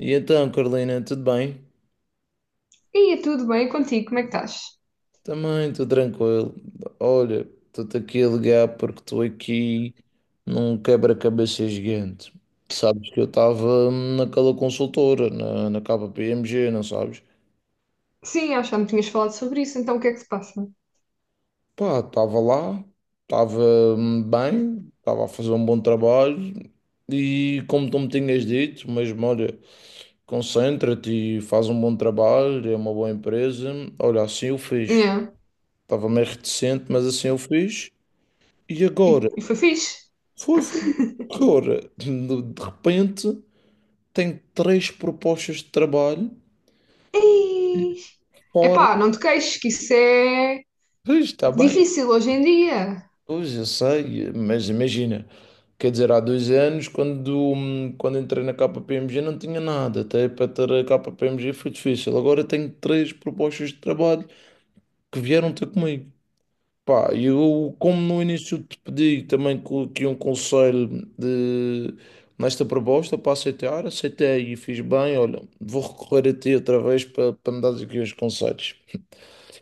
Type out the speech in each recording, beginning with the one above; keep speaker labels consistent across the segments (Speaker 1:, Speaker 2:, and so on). Speaker 1: E então, Carolina, tudo bem?
Speaker 2: Ia tudo bem contigo, como é que estás?
Speaker 1: Também, estou tranquilo. Olha, estou-te aqui a ligar porque estou aqui num quebra-cabeça gigante. Sabes que eu estava naquela consultora, na KPMG, não sabes?
Speaker 2: Sim, acho que já me tinhas falado sobre isso, então o que é que se passa?
Speaker 1: Pá, estava lá, estava bem, estava a fazer um bom trabalho e como tu me tinhas dito, mesmo, olha, concentra-te e faz um bom trabalho, é uma boa empresa. Olha, assim eu fiz.
Speaker 2: Yeah.
Speaker 1: Estava meio reticente, mas assim eu fiz. E
Speaker 2: E,
Speaker 1: agora,
Speaker 2: e foi fixe.
Speaker 1: foi, foi. Agora, de repente, tem três propostas de trabalho
Speaker 2: Ei!
Speaker 1: fora.
Speaker 2: Epá, não te queixes, que isso é
Speaker 1: Pois, está bem,
Speaker 2: difícil hoje em dia.
Speaker 1: pois eu sei, mas imagina, quer dizer, há dois anos, quando entrei na KPMG, não tinha nada. Até para ter a KPMG foi difícil. Agora tenho três propostas de trabalho que vieram ter comigo. Pá, eu, como no início te pedi também aqui um conselho de, nesta proposta para aceitar, aceitei e fiz bem. Olha, vou recorrer a ti outra vez para me dar aqui uns conselhos.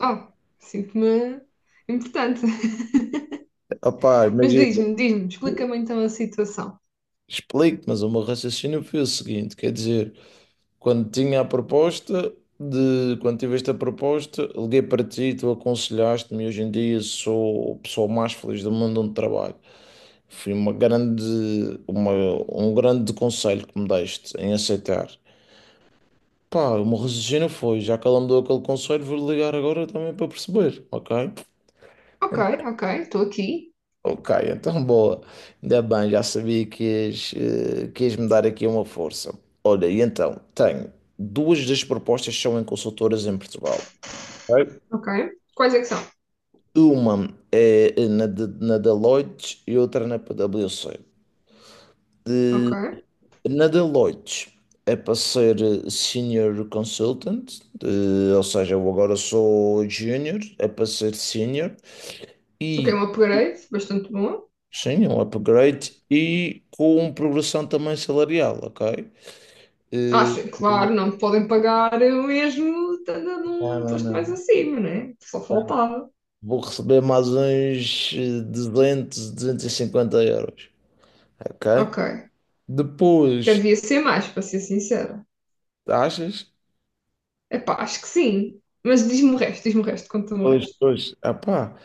Speaker 2: Oh, sinto-me importante.
Speaker 1: Ah, pá,
Speaker 2: Mas
Speaker 1: imagina,
Speaker 2: diz-me, diz-me, explica-me então a situação.
Speaker 1: explico, mas o meu raciocínio foi o seguinte: quer dizer, quando tinha a proposta, quando tive esta proposta, liguei para ti, tu aconselhaste-me, e hoje em dia sou a pessoa mais feliz do mundo onde trabalho. Foi uma, um grande conselho que me deste em aceitar. Pá, o meu raciocínio foi, já que ela me deu aquele conselho, vou ligar agora também para perceber, ok?
Speaker 2: Ok, ok, estou aqui.
Speaker 1: Ok, então boa. Ainda bem, já sabia que ias me dar aqui uma força. Olha, e então, tenho duas das propostas que são em consultoras em Portugal. Ok.
Speaker 2: Ok. Quais é que são?
Speaker 1: Uma é na Deloitte e outra na PwC.
Speaker 2: Ok.
Speaker 1: De- Na Deloitte é para ser Senior Consultant. Ou seja, eu agora sou Junior, é para ser Senior
Speaker 2: Ok,
Speaker 1: e
Speaker 2: um upgrade, bastante bom.
Speaker 1: sim, é um upgrade e com progressão também salarial, ok? Eh,
Speaker 2: Acho, claro, não me podem pagar eu mesmo, estando
Speaker 1: não,
Speaker 2: num
Speaker 1: não,
Speaker 2: posto mais
Speaker 1: não.
Speaker 2: acima, né? Só faltava.
Speaker 1: Vou receber mais uns 200, 250 euros. Ok?
Speaker 2: Ok.
Speaker 1: Depois,
Speaker 2: Devia ser mais, para ser sincera.
Speaker 1: achas?
Speaker 2: Epá, acho que sim. Mas diz-me o resto, conta-me o
Speaker 1: Depois,
Speaker 2: resto.
Speaker 1: depois, ah pá.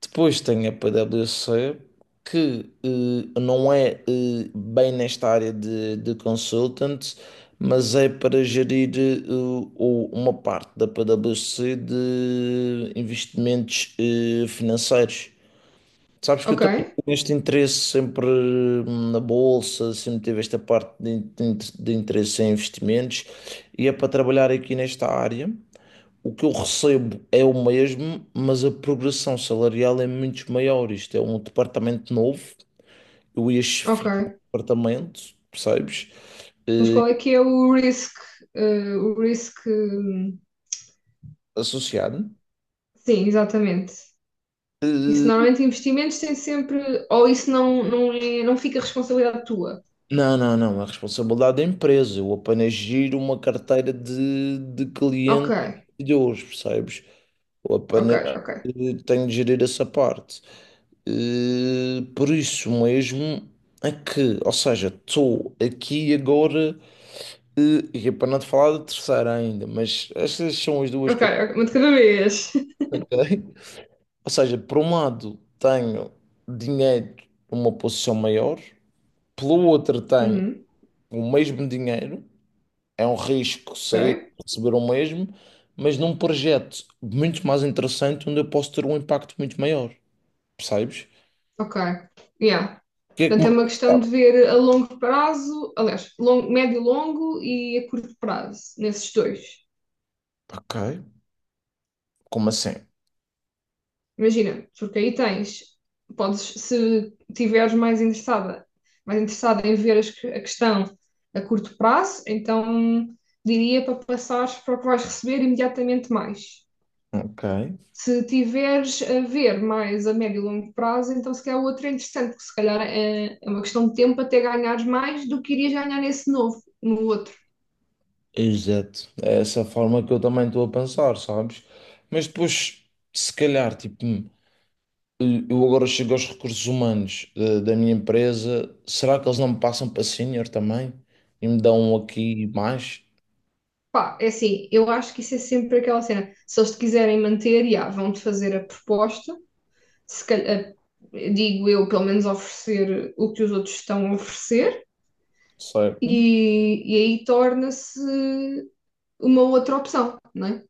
Speaker 1: Depois tem a PwC, que não é bem nesta área de, consultant, mas é para gerir uma parte da PwC de investimentos financeiros. Sabes que eu
Speaker 2: Ok,
Speaker 1: também tenho este interesse sempre na bolsa, sempre tive esta parte de interesse em investimentos e é para trabalhar aqui nesta área. O que eu recebo é o mesmo, mas a progressão salarial é muito maior. Isto é um departamento novo, eu ia
Speaker 2: ok.
Speaker 1: chefiar o departamento, percebes?
Speaker 2: Mas
Speaker 1: Eh,
Speaker 2: qual é que é o risk? O risk.
Speaker 1: Associado.
Speaker 2: Sim, exatamente. Isso
Speaker 1: Eh,
Speaker 2: normalmente investimentos tem sempre. Ou isso não, não, é, não fica responsabilidade tua.
Speaker 1: Não, não, não, é a responsabilidade da empresa. Eu apenas giro uma carteira de
Speaker 2: Ok,
Speaker 1: clientes e de hoje, percebes? Eu
Speaker 2: ok,
Speaker 1: apenas
Speaker 2: ok.
Speaker 1: tenho de gerir essa parte. Por isso mesmo é que, ou seja, estou aqui agora, e é para não te falar da terceira ainda, mas estas são as duas
Speaker 2: Ok,
Speaker 1: que eu estou,
Speaker 2: ok, uma de cada vez.
Speaker 1: ok? Ou seja, por um lado tenho dinheiro numa posição maior, pelo outro tenho
Speaker 2: Uhum,
Speaker 1: o mesmo dinheiro, é um risco sair
Speaker 2: ok,
Speaker 1: e receber o mesmo, mas num projeto muito mais interessante onde eu posso ter um impacto muito maior, percebes?
Speaker 2: ok. Yeah.
Speaker 1: Que é que
Speaker 2: Portanto,
Speaker 1: me
Speaker 2: é uma questão
Speaker 1: aconteceu?
Speaker 2: de ver a longo prazo, aliás, longo, médio e longo e a curto prazo, nesses dois.
Speaker 1: Ok, como assim?
Speaker 2: Imagina, porque aí tens, podes, se tiveres mais interessada em ver as que- a questão a curto prazo, então diria para passares para o que vais receber imediatamente mais.
Speaker 1: Ok,
Speaker 2: Se tiveres a ver mais a médio e longo prazo, então se calhar o outro é interessante, porque se calhar é, é uma questão de tempo até ganhares mais do que irias ganhar nesse novo, no outro.
Speaker 1: exato. É essa a forma que eu também estou a pensar, sabes? Mas depois, se calhar, tipo, eu agora chego aos recursos humanos da minha empresa, será que eles não me passam para senior também? E me dão aqui mais?
Speaker 2: Pá, é assim, eu acho que isso é sempre aquela cena. Se eles te quiserem manter, já, vão-te fazer a proposta se calhar, digo eu, pelo menos oferecer o que os outros estão a oferecer,
Speaker 1: Certo?
Speaker 2: e aí torna-se uma outra opção, não é?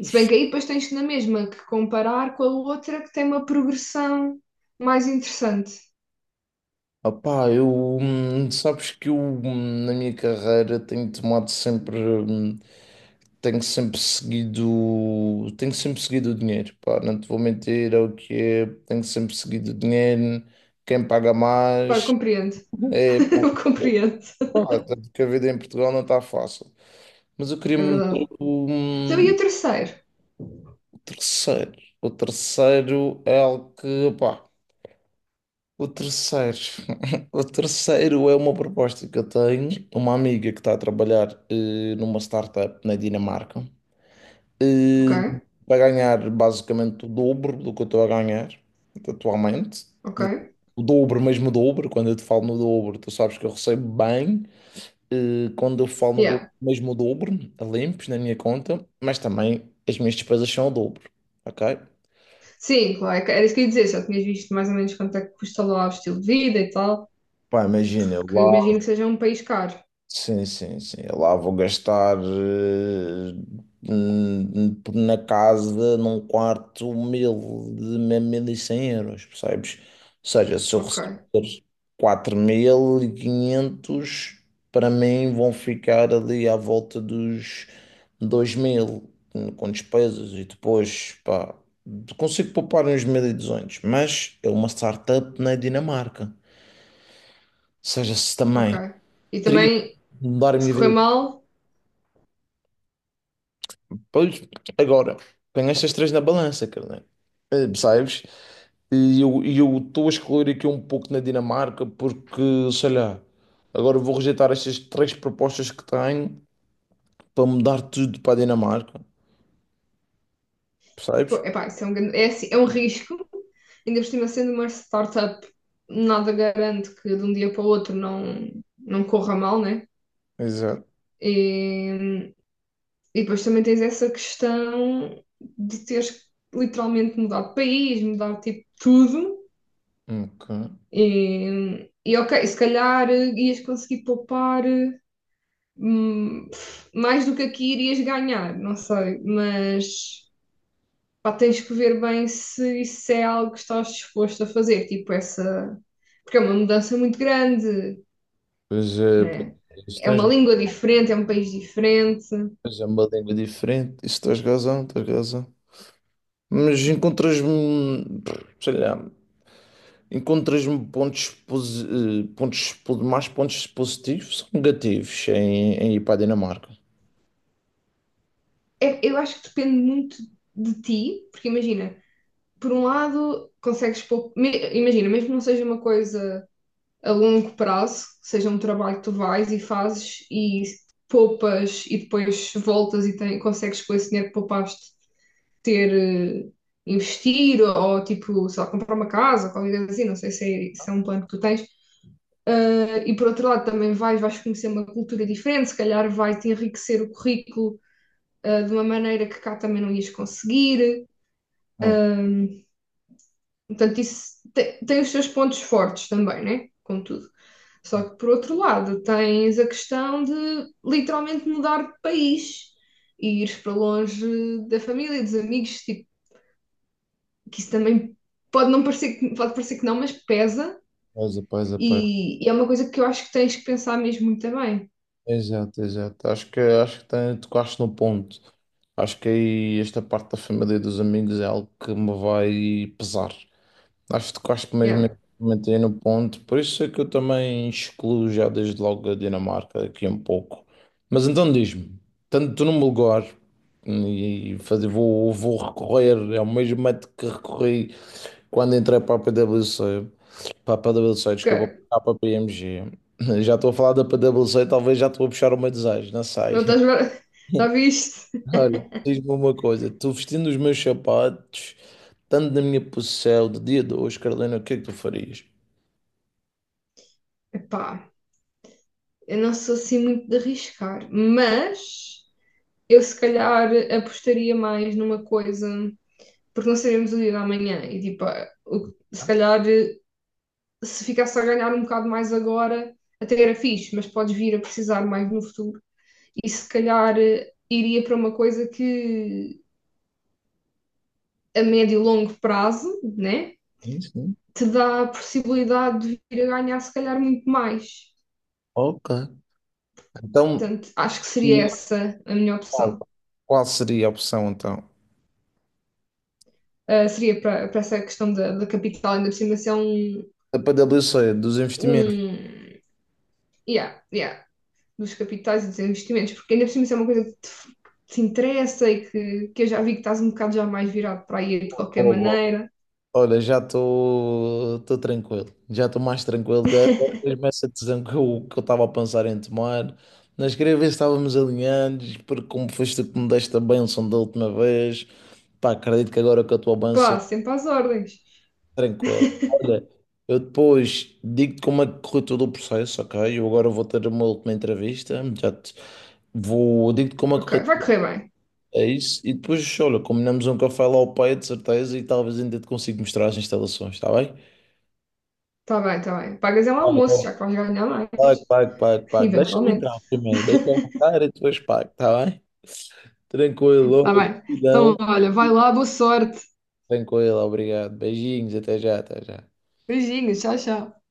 Speaker 2: Se bem que aí depois tens na mesma que comparar com a outra que tem uma progressão mais interessante.
Speaker 1: Opá, eu, sabes que eu, na minha carreira, tenho tomado sempre, tenho sempre seguido o dinheiro, pá, não te vou mentir, é o que é, tenho sempre seguido o dinheiro, quem paga
Speaker 2: Pá, eu
Speaker 1: mais,
Speaker 2: compreendo.
Speaker 1: é, pá,
Speaker 2: Eu compreendo.
Speaker 1: pá, tanto a vida em Portugal não está fácil. Mas eu queria
Speaker 2: É
Speaker 1: me
Speaker 2: verdade. Então, e
Speaker 1: o
Speaker 2: o terceiro?
Speaker 1: terceiro, o terceiro é algo que, pá, o terceiro, o terceiro é uma proposta que eu tenho, uma amiga que está a trabalhar numa startup na Dinamarca,
Speaker 2: Ok,
Speaker 1: eh, para ganhar basicamente o dobro do que eu estou a ganhar atualmente.
Speaker 2: ok.
Speaker 1: O dobro, mesmo o dobro, quando eu te falo no dobro, tu sabes que eu recebo bem. Quando eu falo no dobro,
Speaker 2: Yeah.
Speaker 1: mesmo o dobro, a limpos na minha conta, mas também as minhas despesas são o dobro, ok?
Speaker 2: Sim, claro, era isso que eu ia dizer. Já tinhas visto mais ou menos quanto é que custa lá o estilo de vida e tal,
Speaker 1: Pá, imagina,
Speaker 2: porque
Speaker 1: lá.
Speaker 2: imagino que seja um país caro.
Speaker 1: Sim, sim, sim. Eu lá vou gastar na casa, num quarto, 1.100 euros, percebes? Ou seja, se eu
Speaker 2: Ok.
Speaker 1: receber 4.500, para mim vão ficar ali à volta dos 2.000, com despesas e depois, pá, consigo poupar uns 1.200, mas é uma startup na Dinamarca. Ou seja, se
Speaker 2: Ok.
Speaker 1: também
Speaker 2: E
Speaker 1: teria
Speaker 2: também,
Speaker 1: de mudar a
Speaker 2: se
Speaker 1: minha
Speaker 2: correr
Speaker 1: vida.
Speaker 2: mal,
Speaker 1: Pois, agora, tenho estas três na balança, carnal. Percebes? E eu estou a escolher aqui um pouco na Dinamarca porque, sei lá, agora vou rejeitar estas três propostas que tenho para mudar tudo para a Dinamarca.
Speaker 2: pô,
Speaker 1: Percebes?
Speaker 2: epá, isso é um, grande- é, assim, é um risco. Ainda por cima, sendo uma startup, nada garante que de um dia para o outro não, não corra mal, né?
Speaker 1: Exato.
Speaker 2: E, e depois também tens essa questão de teres literalmente mudado de país, mudar tipo tudo.
Speaker 1: Ok.
Speaker 2: E ok, se calhar ias conseguir poupar hum, mais do que aqui irias ganhar, não sei, mas. Pá, tens que ver bem se isso é algo que estás disposto a fazer, tipo essa. Porque é uma mudança muito grande,
Speaker 1: Pois
Speaker 2: né?
Speaker 1: é,
Speaker 2: É uma
Speaker 1: tens,
Speaker 2: língua diferente, é um país diferente.
Speaker 1: pois é uma língua diferente. Isso tens razão, tens razão. Mas encontras-me, sei lá. Encontras-me pontos, pontos, mais pontos positivos ou negativos em ir para a Dinamarca?
Speaker 2: É- eu acho que depende muito de ti, porque imagina, por um lado, consegues pôr. Me- Imagina, mesmo que não seja uma coisa a longo prazo, seja um trabalho que tu vais e fazes e poupas e depois voltas e tem- consegues pôr esse dinheiro que poupaste ter, eh, investir ou tipo, sei lá, comprar uma casa, ou qualquer coisa assim, não sei se é, se é um plano que tu tens. Ah, e por outro lado também vais, vais conhecer uma cultura diferente, se calhar vai-te enriquecer o currículo, ah, de uma maneira que cá também não ias conseguir.
Speaker 1: Hum,
Speaker 2: Ahm, Portanto, isso te- tem, os seus pontos fortes também, né? Contudo. Só que por outro lado tens a questão de literalmente mudar de país e ires para longe da família, dos amigos, tipo, que isso também pode não parecer, que- pode parecer que não, mas pesa
Speaker 1: Pois é, pois é, pois é.
Speaker 2: e é uma coisa que eu acho que tens que pensar mesmo muito bem.
Speaker 1: Exato, exato. Acho que tocaste no ponto. Acho que aí esta parte da família e dos amigos é algo que me vai pesar. Acho que mesmo
Speaker 2: Yeah.
Speaker 1: eu comentei no ponto, por isso é que eu também excluo já desde logo a Dinamarca aqui um pouco. Mas então diz-me, tanto num lugar e fazer, vou recorrer é o mesmo método que recorri quando entrei para a PwC, para a P W C
Speaker 2: Ok.
Speaker 1: desculpa, para a PPMG. Já estou a falar da PwC, talvez já estou a puxar o meu desejo, não sei.
Speaker 2: Não estás bem- Já viste?
Speaker 1: Olha, diz-me uma coisa, estou vestindo os meus sapatos, tanto na minha posição de dia de hoje, Carolina, o que é que tu farias?
Speaker 2: Epá, eu não sou assim muito de arriscar, mas eu se calhar apostaria mais numa coisa, porque não sabemos o dia da manhã e tipo, ah, o- se
Speaker 1: Tá?
Speaker 2: calhar se ficasse a ganhar um bocado mais agora, até era fixe, mas podes vir a precisar mais no futuro. E se calhar iria para uma coisa que a médio e longo prazo, né,
Speaker 1: Sim, sim.
Speaker 2: te dá a possibilidade de vir a ganhar se calhar muito mais.
Speaker 1: Ok. Então,
Speaker 2: Portanto, acho que seria
Speaker 1: e,
Speaker 2: essa a minha opção.
Speaker 1: qual seria a opção então?
Speaker 2: Seria para para essa questão da, da capital, ainda por cima se é um,
Speaker 1: A PwC dos investimentos.
Speaker 2: um yeah, yeah, dos capitais e dos investimentos, porque ainda por cima se é uma coisa que te interessa e que eu já vi que estás um bocado já mais virado para aí de qualquer maneira.
Speaker 1: Olha, já estou tranquilo, já estou mais tranquilo. Da mesma essa decisão que eu estava a pensar em tomar, mas queria ver se estávamos alinhados, porque como foste tu que me deste a bênção da última vez, pá, acredito que agora com a tua bênção,
Speaker 2: Pá, sempre às ordens.
Speaker 1: tranquilo. Olha, eu depois digo-te como é que correu todo o processo, ok? Eu agora vou ter uma última entrevista, já te vou, digo-te como é que
Speaker 2: Ok,
Speaker 1: correu
Speaker 2: vai
Speaker 1: tudo
Speaker 2: correr bem.
Speaker 1: isso, e depois, olha, combinamos um café lá ao pé, de certeza, e talvez ainda te consiga mostrar as instalações, está bem?
Speaker 2: Está bem, está bem. Pagas é um almoço, já que vais ganhar mais,
Speaker 1: Pago, pago, pago, pago. Deixa-me
Speaker 2: eventualmente.
Speaker 1: entrar primeiro, deixa-me entrar e depois pago, tá bem? Tranquilo,
Speaker 2: Tá
Speaker 1: olha,
Speaker 2: bem.
Speaker 1: gratidão.
Speaker 2: Então, olha, vai lá, boa sorte.
Speaker 1: Tranquilo, obrigado. Beijinhos, até já, até já.
Speaker 2: Beijinhos, tchau, tchau.